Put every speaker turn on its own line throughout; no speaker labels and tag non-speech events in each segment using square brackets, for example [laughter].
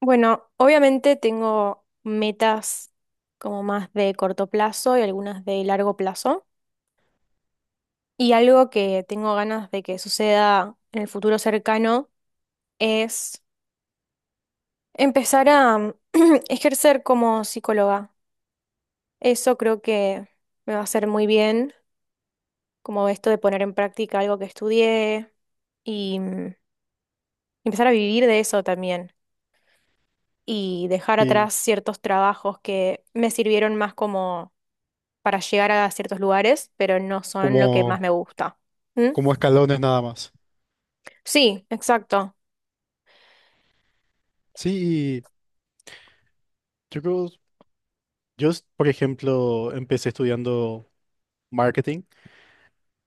Bueno, obviamente tengo metas como más de corto plazo y algunas de largo plazo. Y algo que tengo ganas de que suceda en el futuro cercano es empezar a [clears throat] ejercer como psicóloga. Eso creo que me va a hacer muy bien, como esto de poner en práctica algo que estudié y empezar a vivir de eso también. Y dejar
Sí,
atrás ciertos trabajos que me sirvieron más como para llegar a ciertos lugares, pero no son lo que más
como,
me gusta. ¿Mm?
como escalones nada más.
Sí, exacto.
Sí, y yo creo, yo, s- por ejemplo, empecé estudiando marketing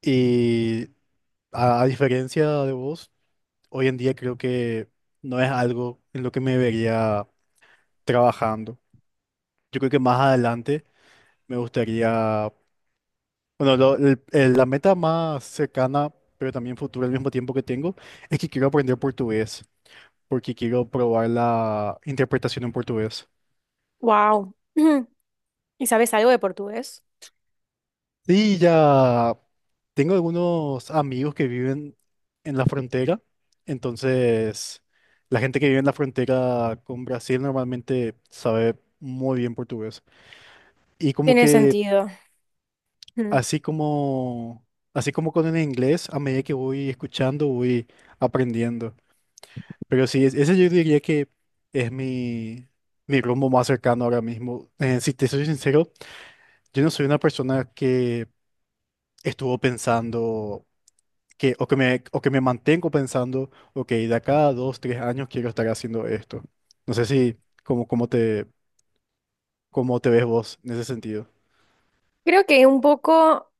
y a diferencia de vos, hoy en día creo que no es algo en lo que me vería trabajando. Yo creo que más adelante me gustaría, bueno, lo- el- la meta más cercana, pero también futura al mismo tiempo que tengo, es que quiero aprender portugués, porque quiero probar la interpretación en portugués.
Wow. [clears throat] ¿Y sabes algo de portugués?
Sí, ya. Tengo algunos amigos que viven en la frontera, entonces la gente que vive en la frontera con Brasil normalmente sabe muy bien portugués. Y como
Tiene
que
sentido. Mm.
así como así como con el inglés, a medida que voy escuchando, voy aprendiendo. Pero sí, es- ese yo diría que es mi rumbo más cercano ahora mismo. Si te soy sincero, yo no soy una persona que estuvo pensando que, o que me mantengo pensando, ok, de acá a dos, tres años quiero estar haciendo esto. No sé si, cómo, cómo te ves vos en ese sentido.
Creo que un poco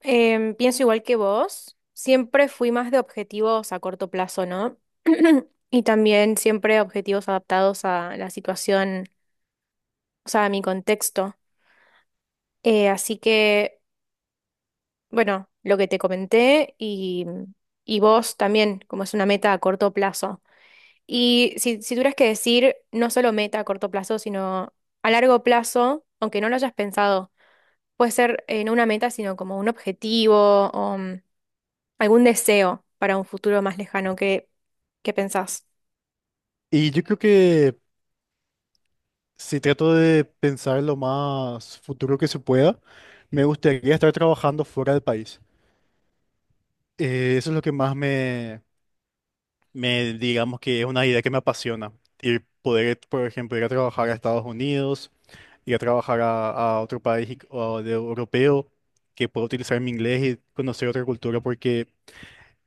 pienso igual que vos. Siempre fui más de objetivos a corto plazo, ¿no? [clears throat] Y también siempre objetivos adaptados a la situación, o sea, a mi contexto. Así que, bueno, lo que te comenté y vos también, como es una meta a corto plazo. Y si tuvieras que decir no solo meta a corto plazo, sino a largo plazo, aunque no lo hayas pensado, puede ser no una meta, sino como un objetivo o algún deseo para un futuro más lejano que pensás.
Y yo creo que si trato de pensar lo más futuro que se pueda, me gustaría estar trabajando fuera del país. Eso es lo que más me, me, digamos que es una idea que me apasiona. Y poder, por ejemplo, ir a trabajar a Estados Unidos, ir a trabajar a otro país y- o de europeo que pueda utilizar mi inglés y conocer otra cultura, porque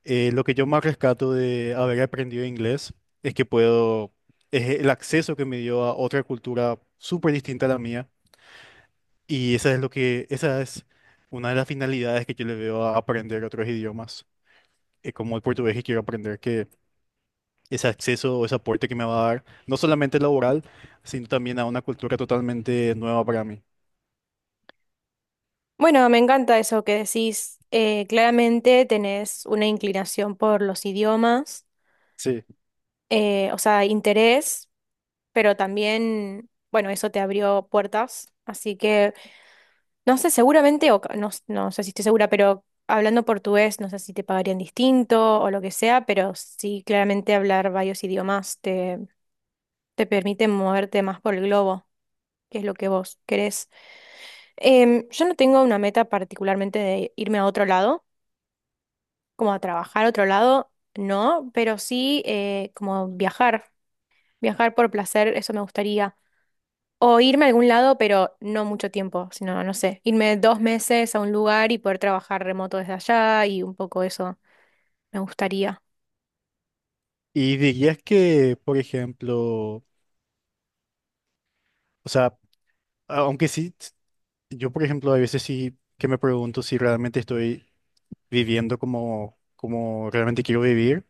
lo que yo más rescato de haber aprendido inglés es que puedo, es el acceso que me dio a otra cultura súper distinta a la mía, y esa es lo que, esa es una de las finalidades que yo le veo a aprender otros idiomas, como el portugués que quiero aprender, que ese acceso o ese aporte que me va a dar, no solamente laboral, sino también a una cultura totalmente nueva para mí.
Bueno, me encanta eso que decís. Claramente tenés una inclinación por los idiomas,
Sí.
o sea, interés, pero también, bueno, eso te abrió puertas. Así que... No sé, seguramente, no, no sé si estoy segura, pero hablando portugués, no sé si te pagarían distinto o lo que sea, pero sí, claramente hablar varios idiomas te permite moverte más por el globo, que es lo que vos querés. Yo no tengo una meta particularmente de irme a otro lado, como a trabajar a otro lado, no, pero sí como viajar, viajar por placer, eso me gustaría. O irme a algún lado, pero no mucho tiempo, sino, no sé, irme dos meses a un lugar y poder trabajar remoto desde allá y un poco eso me gustaría.
Y dirías que, por ejemplo, o sea, aunque sí, s- yo por ejemplo, a veces sí que me pregunto si realmente estoy viviendo como, como realmente quiero vivir,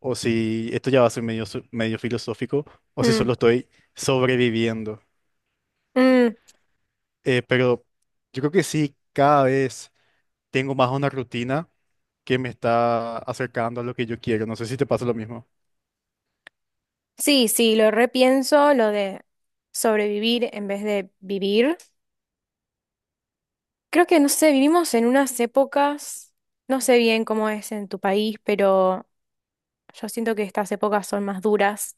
o si esto ya va a ser medio, so- medio filosófico, o si
Mm,
solo estoy sobreviviendo.
mm,
Pero yo creo que sí, cada vez tengo más una rutina que me está acercando a lo que yo quiero. No sé si te pasa lo mismo.
sí, sí, lo repienso, lo de sobrevivir en vez de vivir. Creo que, no sé, vivimos en unas épocas, no sé bien cómo es en tu país, pero yo siento que estas épocas son más duras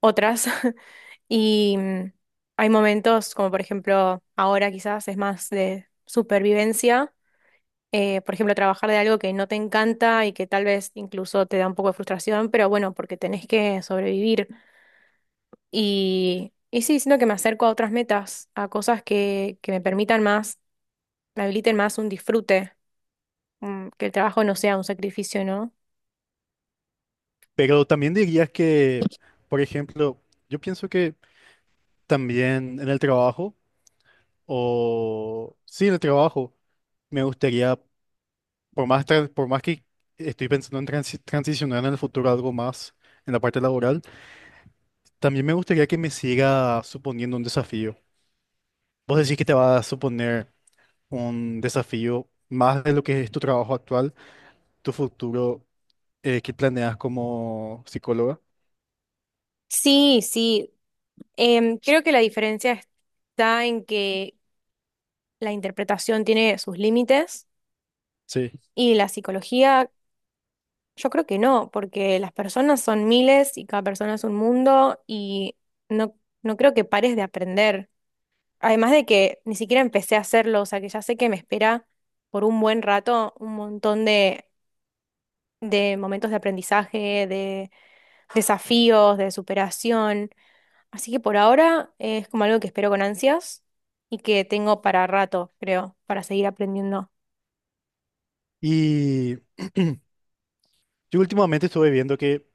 otras. [laughs] Y hay momentos, como por ejemplo, ahora quizás es más de supervivencia. Por ejemplo, trabajar de algo que no te encanta y que tal vez incluso te da un poco de frustración, pero bueno, porque tenés que sobrevivir. Y sí, siento que me acerco a otras metas, a cosas que me permitan más, me habiliten más un disfrute, que el trabajo no sea un sacrificio, ¿no?
Pero también dirías que, por ejemplo, yo pienso que también en el trabajo. O sí, el trabajo. Me gustaría, por más, tra- por más que estoy pensando en transi- transicionar en el futuro a algo más en la parte laboral, también me gustaría que me siga suponiendo un desafío. Vos decís que te va a suponer un desafío más de lo que es tu trabajo actual, tu futuro que planeas como psicóloga.
Sí, sí. Creo que la diferencia está en que la interpretación tiene sus límites
Sí.
y la psicología, yo creo que no, porque las personas son miles y cada persona es un mundo y no, no creo que pares de aprender. Además de que ni siquiera empecé a hacerlo, o sea que ya sé que me espera por un buen rato un montón de momentos de aprendizaje, de desafíos, de superación. Así que por ahora es como algo que espero con ansias y que tengo para rato, creo, para seguir aprendiendo.
Y yo últimamente estuve viendo que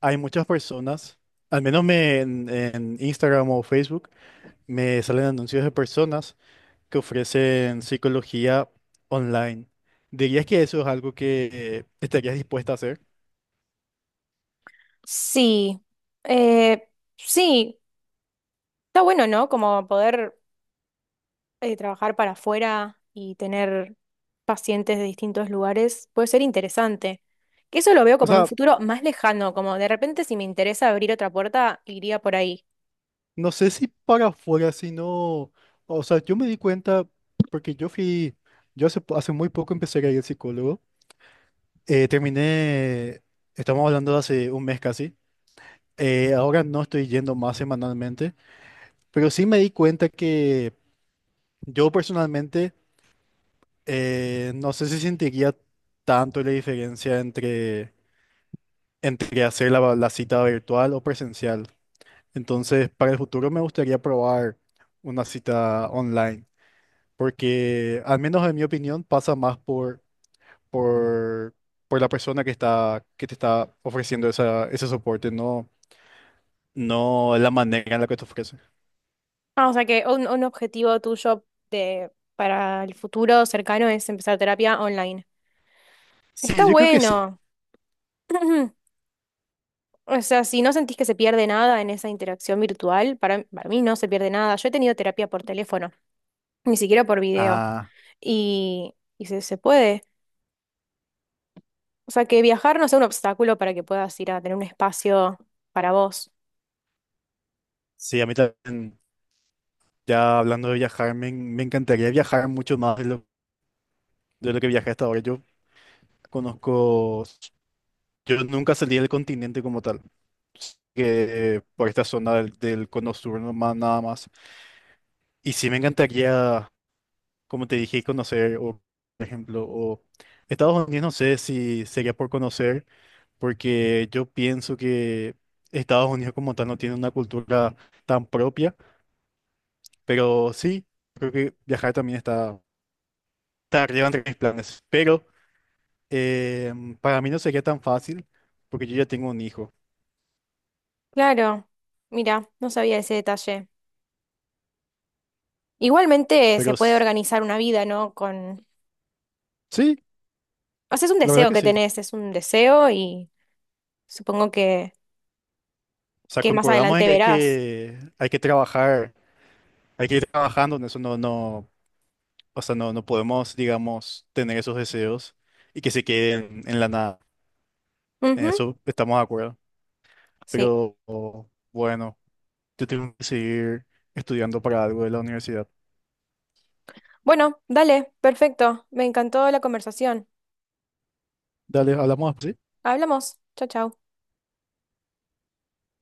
hay muchas personas, al menos me- en Instagram o Facebook, me salen anuncios de personas que ofrecen psicología online. ¿Dirías que eso es algo que estarías dispuesta a hacer?
Sí, eh, sí, está bueno, ¿no? Como poder trabajar para afuera y tener pacientes de distintos lugares puede ser interesante. Que eso lo veo
O
como en un
sea,
futuro más lejano, como de repente si me interesa abrir otra puerta, iría por ahí.
no sé si para afuera, sino, o sea, yo me di cuenta porque yo fui, yo hace, po- hace muy poco empecé a ir al psicólogo. Terminé, estamos hablando de hace un mes casi. Ahora no estoy yendo más semanalmente, pero sí me di cuenta que yo personalmente no sé si sentiría tanto la diferencia entre, entre hacer la, la cita virtual o presencial. Entonces, para el futuro me gustaría probar una cita online, porque al menos en mi opinión pasa más por, por la persona que está, que te está ofreciendo esa, ese soporte, no, no la manera en la que te ofrece.
Ah, o sea que un objetivo tuyo para el futuro cercano es empezar terapia online. Está
Sí, yo creo que sí.
bueno. [clears throat] O sea, si no sentís que se pierde nada en esa interacción virtual, para mí no se pierde nada. Yo he tenido terapia por teléfono, ni siquiera por video.
Ah,
Y se puede. O sea, que viajar no sea un obstáculo para que puedas ir a tener un espacio para vos.
sí, a mí también, ya hablando de viajar, me, en- me encantaría viajar mucho más de lo que viajé hasta ahora. Yo conozco, yo nunca salí del continente como tal, que por esta zona del, del cono sur nomás, nada más. Y sí me encantaría, como te dije, conocer, o, por ejemplo, o Estados Unidos, no sé si sería por conocer, porque yo pienso que Estados Unidos como tal no tiene una cultura tan propia, pero sí, creo que viajar también está, está arriba entre mis planes. Pero para mí no sería tan fácil, porque yo ya tengo un hijo,
Claro, mira, no sabía ese detalle. Igualmente
pero
se puede
s-
organizar una vida, ¿no? Con...
sí.
O sea, es un
La verdad
deseo
que
que
sí.
tenés, es un deseo y supongo
O sea,
que más
concordamos en
adelante
que hay
verás.
que, hay que trabajar, hay que ir trabajando en eso, no, no, o sea, no, no podemos, digamos, tener esos deseos y que se queden en la nada. En
Ujú,
eso estamos de acuerdo.
sí.
Pero bueno, yo tengo que seguir estudiando para algo de la universidad.
Bueno, dale, perfecto. Me encantó la conversación.
Dale, hablamos así.
Hablamos. Chao, chao.